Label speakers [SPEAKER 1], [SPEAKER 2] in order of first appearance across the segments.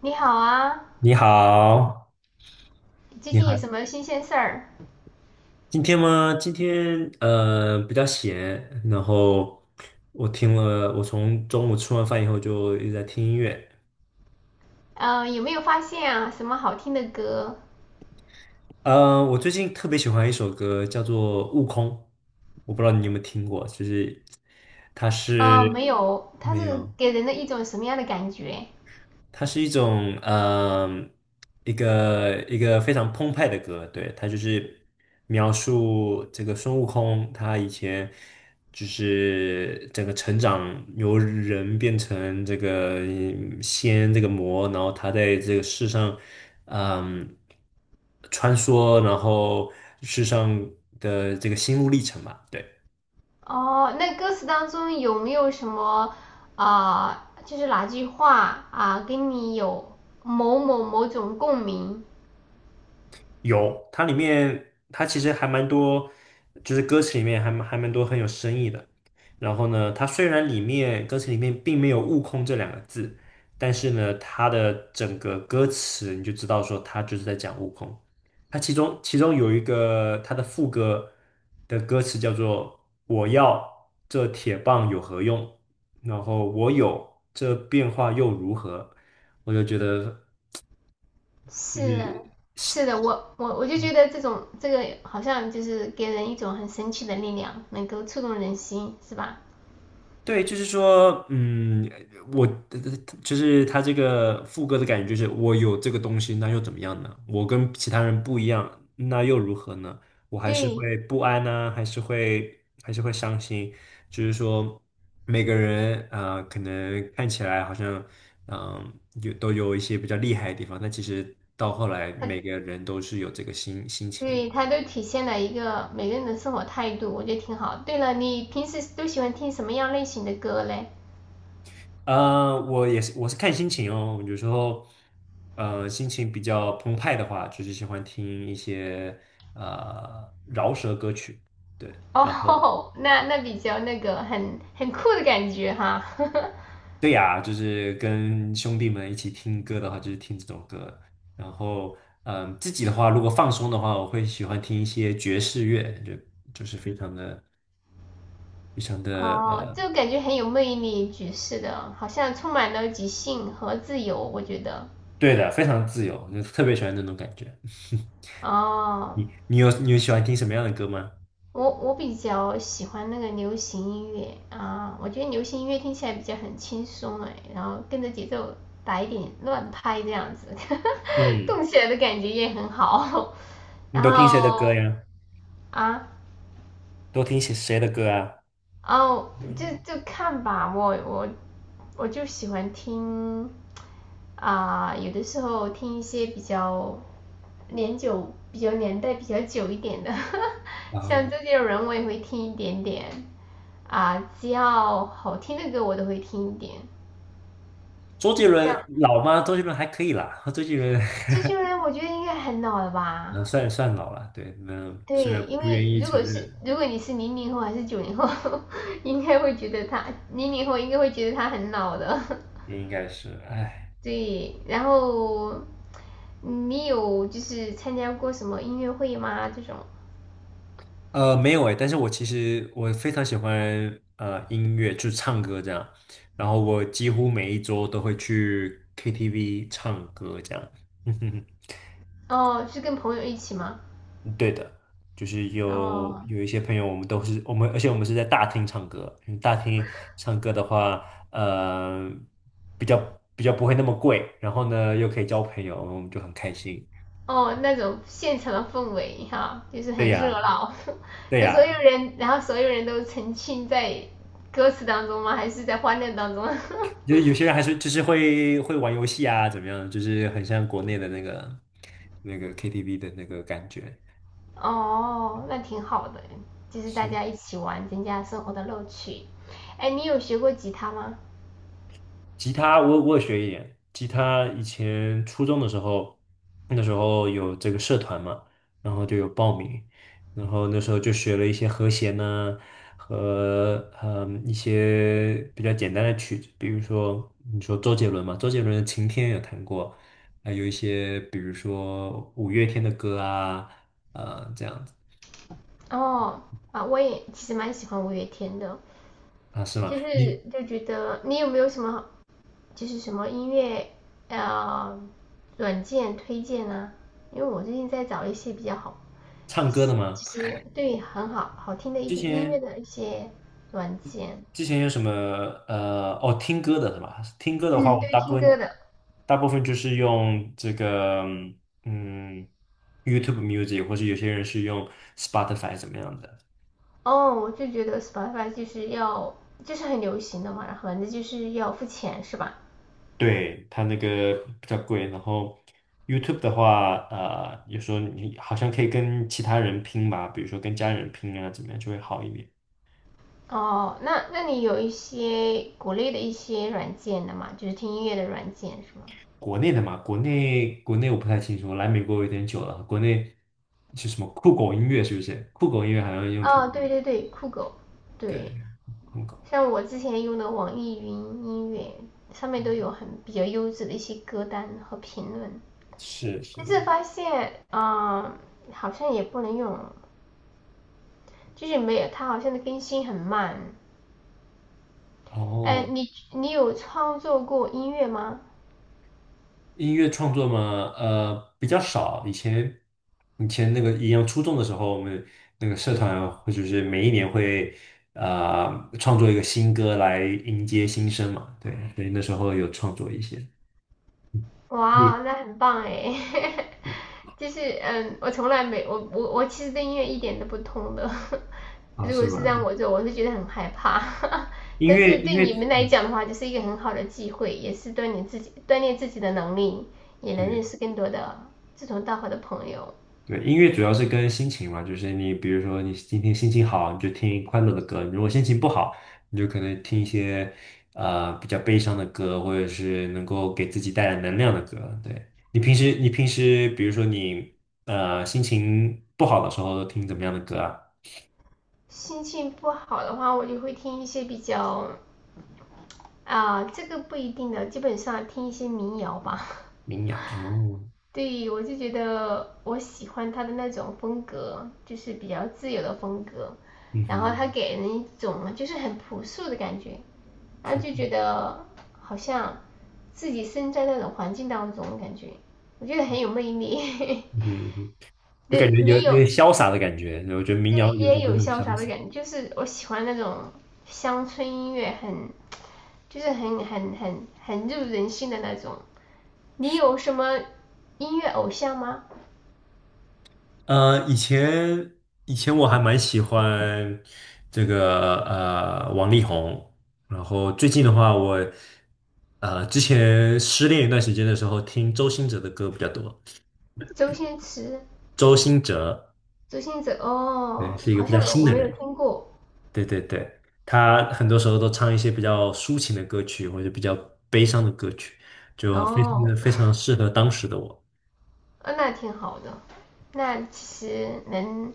[SPEAKER 1] 你好啊，
[SPEAKER 2] 你好，
[SPEAKER 1] 最
[SPEAKER 2] 你
[SPEAKER 1] 近
[SPEAKER 2] 好，
[SPEAKER 1] 有什么新鲜事儿？
[SPEAKER 2] 今天吗？今天比较闲，然后我听了，我从中午吃完饭以后就一直在听音乐。
[SPEAKER 1] 嗯，有没有发现啊，什么好听的歌？
[SPEAKER 2] 我最近特别喜欢一首歌，叫做《悟空》，我不知道你有没有听过，就是它是
[SPEAKER 1] 嗯，没有，它
[SPEAKER 2] 没
[SPEAKER 1] 是
[SPEAKER 2] 有，
[SPEAKER 1] 给人的一种什么样的感觉？
[SPEAKER 2] 它是一种一个非常澎湃的歌，对，它就是描述这个孙悟空他以前就是整个成长由人变成这个仙这个魔，然后他在这个世上嗯穿梭，然后世上的这个心路历程吧，对。
[SPEAKER 1] 哦，那歌词当中有没有什么啊、就是哪句话啊，跟你有某种共鸣？
[SPEAKER 2] 有，它里面它其实还蛮多，就是歌词里面还蛮多很有深意的。然后呢，它虽然里面歌词里面并没有"悟空"这两个字，但是呢，它的整个歌词你就知道说它就是在讲悟空。它其中有一个它的副歌的歌词叫做"我要这铁棒有何用"，然后我有这变化又如何？我就觉得。就
[SPEAKER 1] 是
[SPEAKER 2] 是。
[SPEAKER 1] 是的，我就觉得这种这个好像就是给人一种很神奇的力量，能够触动人心，是吧？
[SPEAKER 2] 对，就是说，嗯，我呃就是他这个副歌的感觉，就是我有这个东西，那又怎么样呢？我跟其他人不一样，那又如何呢？我还是
[SPEAKER 1] 对，
[SPEAKER 2] 会不安呢、还是会伤心。就是说，每个人啊，可能看起来好像嗯、都有一些比较厉害的地方，但其实到后来，
[SPEAKER 1] 它。
[SPEAKER 2] 每个人都是有这个心情。
[SPEAKER 1] 对，它都体现了一个每个人的生活态度，我觉得挺好。对了，你平时都喜欢听什么样类型的歌嘞？
[SPEAKER 2] 我也是，我是看心情哦。有时候，心情比较澎湃的话，就是喜欢听一些饶舌歌曲。对，然后
[SPEAKER 1] 哦，那比较那个很酷的感觉哈。
[SPEAKER 2] 对呀，就是跟兄弟们一起听歌的话，就是听这种歌。然后，自己的话，如果放松的话，我会喜欢听一些爵士乐，就是非常的、非常的
[SPEAKER 1] 哦，就感觉很有魅力，爵士的，好像充满了即兴和自由，我觉得。
[SPEAKER 2] 对的，非常自由，就特别喜欢那种感觉。
[SPEAKER 1] 哦，
[SPEAKER 2] 你有喜欢听什么样的歌吗？
[SPEAKER 1] 我比较喜欢那个流行音乐啊，我觉得流行音乐听起来比较很轻松哎，然后跟着节奏打一点乱拍这样子，
[SPEAKER 2] 嗯。
[SPEAKER 1] 动起来的感觉也很好。
[SPEAKER 2] 你
[SPEAKER 1] 然
[SPEAKER 2] 都听谁的
[SPEAKER 1] 后
[SPEAKER 2] 歌呀？
[SPEAKER 1] 啊，
[SPEAKER 2] 都听谁的歌啊？
[SPEAKER 1] 哦，就
[SPEAKER 2] 嗯，
[SPEAKER 1] 就看吧，我就喜欢听啊、有的时候听一些比较比较年代比较久一点的，
[SPEAKER 2] 啊，
[SPEAKER 1] 像周杰伦我也会听一点点。啊、只要好听的歌我都会听一点。
[SPEAKER 2] 周杰
[SPEAKER 1] 这样，
[SPEAKER 2] 伦老吗？周杰伦还可以啦，周杰伦
[SPEAKER 1] 这些人我觉得应该很老了 吧？
[SPEAKER 2] 那算老了，对，那虽
[SPEAKER 1] 对，
[SPEAKER 2] 然
[SPEAKER 1] 因为
[SPEAKER 2] 不愿意
[SPEAKER 1] 如
[SPEAKER 2] 承
[SPEAKER 1] 果是
[SPEAKER 2] 认，
[SPEAKER 1] 如果你是零零后还是九零后，应该会觉得他零零后应该会觉得他很老的。
[SPEAKER 2] 也应该是，哎，
[SPEAKER 1] 对，然后你有就是参加过什么音乐会吗？这种？
[SPEAKER 2] 没有哎，但是我其实我非常喜欢音乐，就是唱歌这样，然后我几乎每一周都会去 KTV 唱歌这样，
[SPEAKER 1] 哦，是跟朋友一起吗？
[SPEAKER 2] 嗯对的，就是有
[SPEAKER 1] 哦，
[SPEAKER 2] 一些朋友，我们都是我们，而且我们是在大厅唱歌。因为大厅唱歌的话，呃，比较比较不会那么贵，然后呢又可以交朋友，我们就很开心。
[SPEAKER 1] 哦，那种现场的氛围哈，就是
[SPEAKER 2] 对
[SPEAKER 1] 很热
[SPEAKER 2] 呀，
[SPEAKER 1] 闹，
[SPEAKER 2] 对
[SPEAKER 1] 那所
[SPEAKER 2] 呀，
[SPEAKER 1] 有人，然后所有人都沉浸在歌词当中吗？还是在欢乐当中？
[SPEAKER 2] 就是有些人还是就是会玩游戏啊，怎么样？就是很像国内的那个 KTV 的那个感觉。
[SPEAKER 1] 哦，那挺好的，就是大
[SPEAKER 2] 是。
[SPEAKER 1] 家一起玩，增加生活的乐趣。哎，你有学过吉他吗？
[SPEAKER 2] 吉他我也学一点，吉他以前初中的时候，那时候有这个社团嘛，然后就有报名，然后那时候就学了一些和弦呢、和一些比较简单的曲子，比如说你说周杰伦嘛，周杰伦的《晴天》有弹过，还有一些比如说五月天的歌啊，这样子
[SPEAKER 1] 哦，啊，我也其实蛮喜欢五月天的，
[SPEAKER 2] 啊，是吗？
[SPEAKER 1] 就
[SPEAKER 2] 你
[SPEAKER 1] 是就觉得你有没有什么就是什么音乐呃软件推荐啊？因为我最近在找一些比较好
[SPEAKER 2] 唱歌的吗？
[SPEAKER 1] 其实对很好好听的一
[SPEAKER 2] 之
[SPEAKER 1] 些音乐
[SPEAKER 2] 前。
[SPEAKER 1] 的一些软件，
[SPEAKER 2] 之前有什么听歌的是吧？听歌的话，
[SPEAKER 1] 嗯，
[SPEAKER 2] 我
[SPEAKER 1] 对于
[SPEAKER 2] 大部
[SPEAKER 1] 听歌
[SPEAKER 2] 分
[SPEAKER 1] 的
[SPEAKER 2] 大部分就是用这个嗯 YouTube Music，或者有些人是用 Spotify 怎么样的？
[SPEAKER 1] 哦，我就觉得 Spotify 就是要就是很流行的嘛，然后反正就是要付钱是吧？
[SPEAKER 2] 对，它那个比较贵。然后 YouTube 的话，有时候你好像可以跟其他人拼吧，比如说跟家人拼啊，怎么样就会好一点。
[SPEAKER 1] 哦，那你有一些国内的一些软件的嘛，就是听音乐的软件是吗？
[SPEAKER 2] 国内的嘛，国内我不太清楚，来美国有点久了，国内是什么酷狗音乐是不是？酷狗音乐好像用挺
[SPEAKER 1] 哦，
[SPEAKER 2] 多
[SPEAKER 1] 对
[SPEAKER 2] 的。
[SPEAKER 1] 对对，酷狗，
[SPEAKER 2] 对。
[SPEAKER 1] 对，
[SPEAKER 2] 很高，
[SPEAKER 1] 像我之前用的网易云音乐上面都有很比较优质的一些歌单和评论，
[SPEAKER 2] 是是。
[SPEAKER 1] 但是发现，嗯、好像也不能用就是没有，它好像更新很慢。
[SPEAKER 2] 然
[SPEAKER 1] 哎，
[SPEAKER 2] 后
[SPEAKER 1] 你有创作过音乐吗？
[SPEAKER 2] 音乐创作嘛，比较少。以前那个一样初中的时候，我们那个社团或者是每一年会创作一个新歌来迎接新生嘛，对，所以那时候有创作一些。嗯你
[SPEAKER 1] 哇，那很棒哎！就是嗯，我从来没我我我其实对音乐一点都不通的。
[SPEAKER 2] 啊，
[SPEAKER 1] 如
[SPEAKER 2] 是
[SPEAKER 1] 果是让
[SPEAKER 2] 吗？
[SPEAKER 1] 我做，我是觉得很害怕。
[SPEAKER 2] 音
[SPEAKER 1] 但
[SPEAKER 2] 乐
[SPEAKER 1] 是
[SPEAKER 2] 音
[SPEAKER 1] 对
[SPEAKER 2] 乐，
[SPEAKER 1] 你们来
[SPEAKER 2] 嗯，
[SPEAKER 1] 讲的话，就是一个很好的机会，也是锻炼自己的能力，也能
[SPEAKER 2] 对。
[SPEAKER 1] 认识更多的志同道合的朋友。
[SPEAKER 2] 对，音乐主要是跟心情嘛，就是你比如说你今天心情好，你就听快乐的歌；如果心情不好，你就可能听一些比较悲伤的歌，或者是能够给自己带来能量的歌。对，你平时比如说你心情不好的时候都听怎么样的歌啊？
[SPEAKER 1] 心情不好的话，我就会听一些比较啊，这个不一定的，基本上听一些民谣吧。
[SPEAKER 2] 民谣哦，
[SPEAKER 1] 对，我就觉得我喜欢他的那种风格，就是比较自由的风格，
[SPEAKER 2] 嗯
[SPEAKER 1] 然后他
[SPEAKER 2] 哼，
[SPEAKER 1] 给人一种就是很朴素的感觉，然后就觉得好像自己身在那种环境当中，感觉我觉得很有魅力。
[SPEAKER 2] 嗯哼，就感
[SPEAKER 1] 对，
[SPEAKER 2] 觉
[SPEAKER 1] 你
[SPEAKER 2] 有有
[SPEAKER 1] 有，
[SPEAKER 2] 点潇洒的感觉，我觉得民
[SPEAKER 1] 这
[SPEAKER 2] 谣有时候
[SPEAKER 1] 也
[SPEAKER 2] 都
[SPEAKER 1] 有
[SPEAKER 2] 很
[SPEAKER 1] 潇洒
[SPEAKER 2] 潇
[SPEAKER 1] 的
[SPEAKER 2] 洒。
[SPEAKER 1] 感觉，就是我喜欢那种乡村音乐很，就是很入人心的那种。你有什么音乐偶像吗？
[SPEAKER 2] 呃，以前以前我还蛮喜欢这个王力宏，然后最近的话我，之前失恋一段时间的时候，听周兴哲的歌比较多。
[SPEAKER 1] 周星驰、周星驰
[SPEAKER 2] 对，
[SPEAKER 1] 哦，
[SPEAKER 2] 是一个
[SPEAKER 1] 好
[SPEAKER 2] 比较
[SPEAKER 1] 像没
[SPEAKER 2] 新
[SPEAKER 1] 我
[SPEAKER 2] 的
[SPEAKER 1] 没有
[SPEAKER 2] 人。
[SPEAKER 1] 听过
[SPEAKER 2] 对对对，他很多时候都唱一些比较抒情的歌曲，或者比较悲伤的歌曲，就非常
[SPEAKER 1] 哦，
[SPEAKER 2] 非常适合当时的我。
[SPEAKER 1] 啊，那挺好的。那其实能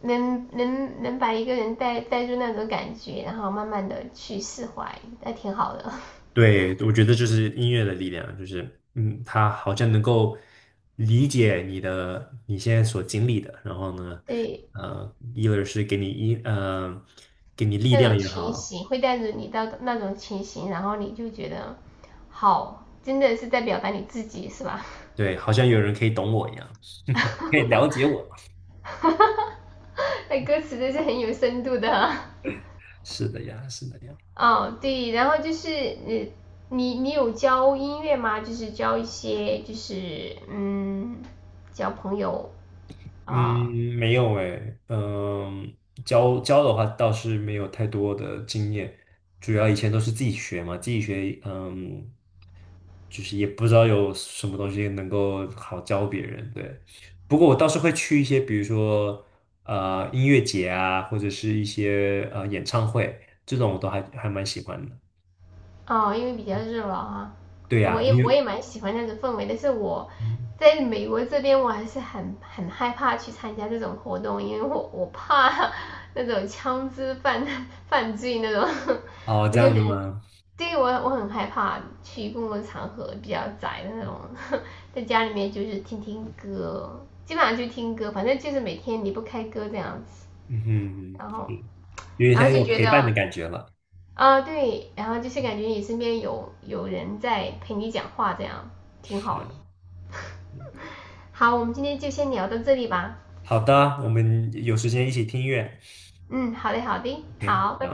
[SPEAKER 1] 把一个人带入那种感觉，然后慢慢的去释怀，那挺好的。
[SPEAKER 2] 对，我觉得就是音乐的力量，就是嗯，它好像能够理解你的你现在所经历的，然后呢，
[SPEAKER 1] 对，
[SPEAKER 2] 一个是给你给你力
[SPEAKER 1] 那
[SPEAKER 2] 量
[SPEAKER 1] 种
[SPEAKER 2] 也
[SPEAKER 1] 情
[SPEAKER 2] 好，
[SPEAKER 1] 形会带着你到那种情形，然后你就觉得好，真的是在表达你自己，是吧？
[SPEAKER 2] 对，好像有人可以懂我一样，可以了解 我，
[SPEAKER 1] 哈哈哈，那歌词都是很有深度的啊、
[SPEAKER 2] 是的呀，是的呀。
[SPEAKER 1] 哦，对，然后就是你有教音乐吗？就是教一些就是交朋友啊
[SPEAKER 2] 嗯，没有诶，嗯，教的话倒是没有太多的经验，主要以前都是自己学嘛，自己学，嗯，就是也不知道有什么东西能够好教别人，对。不过我倒是会去一些，比如说音乐节啊，或者是一些演唱会，这种我都还蛮喜欢的。
[SPEAKER 1] 哦，因为比较热闹啊，
[SPEAKER 2] 对
[SPEAKER 1] 我
[SPEAKER 2] 呀，
[SPEAKER 1] 也
[SPEAKER 2] 你有，
[SPEAKER 1] 我也蛮喜欢那种氛围，但是我
[SPEAKER 2] 嗯
[SPEAKER 1] 在美国这边我还是很害怕去参加这种活动，因为我怕那种枪支犯 犯罪那种，
[SPEAKER 2] 哦，
[SPEAKER 1] 我
[SPEAKER 2] 这
[SPEAKER 1] 就很
[SPEAKER 2] 样的吗？
[SPEAKER 1] 对我很害怕去公共场合比较宅的那种，在家里面就是听听歌，基本上就听歌，反正就是每天离不开歌这样子。
[SPEAKER 2] 嗯哼，嗯
[SPEAKER 1] 然后，
[SPEAKER 2] 是有点
[SPEAKER 1] 然后
[SPEAKER 2] 像
[SPEAKER 1] 就
[SPEAKER 2] 有
[SPEAKER 1] 觉
[SPEAKER 2] 陪伴的
[SPEAKER 1] 得
[SPEAKER 2] 感觉了。
[SPEAKER 1] 啊对，然后就是感觉你身边有人在陪你讲话，这样挺好
[SPEAKER 2] 是。
[SPEAKER 1] 的。好，我们今天就先聊到这里吧。
[SPEAKER 2] 好的，我们有时间一起听音乐。
[SPEAKER 1] 嗯，好嘞，好的，
[SPEAKER 2] OK
[SPEAKER 1] 好，拜。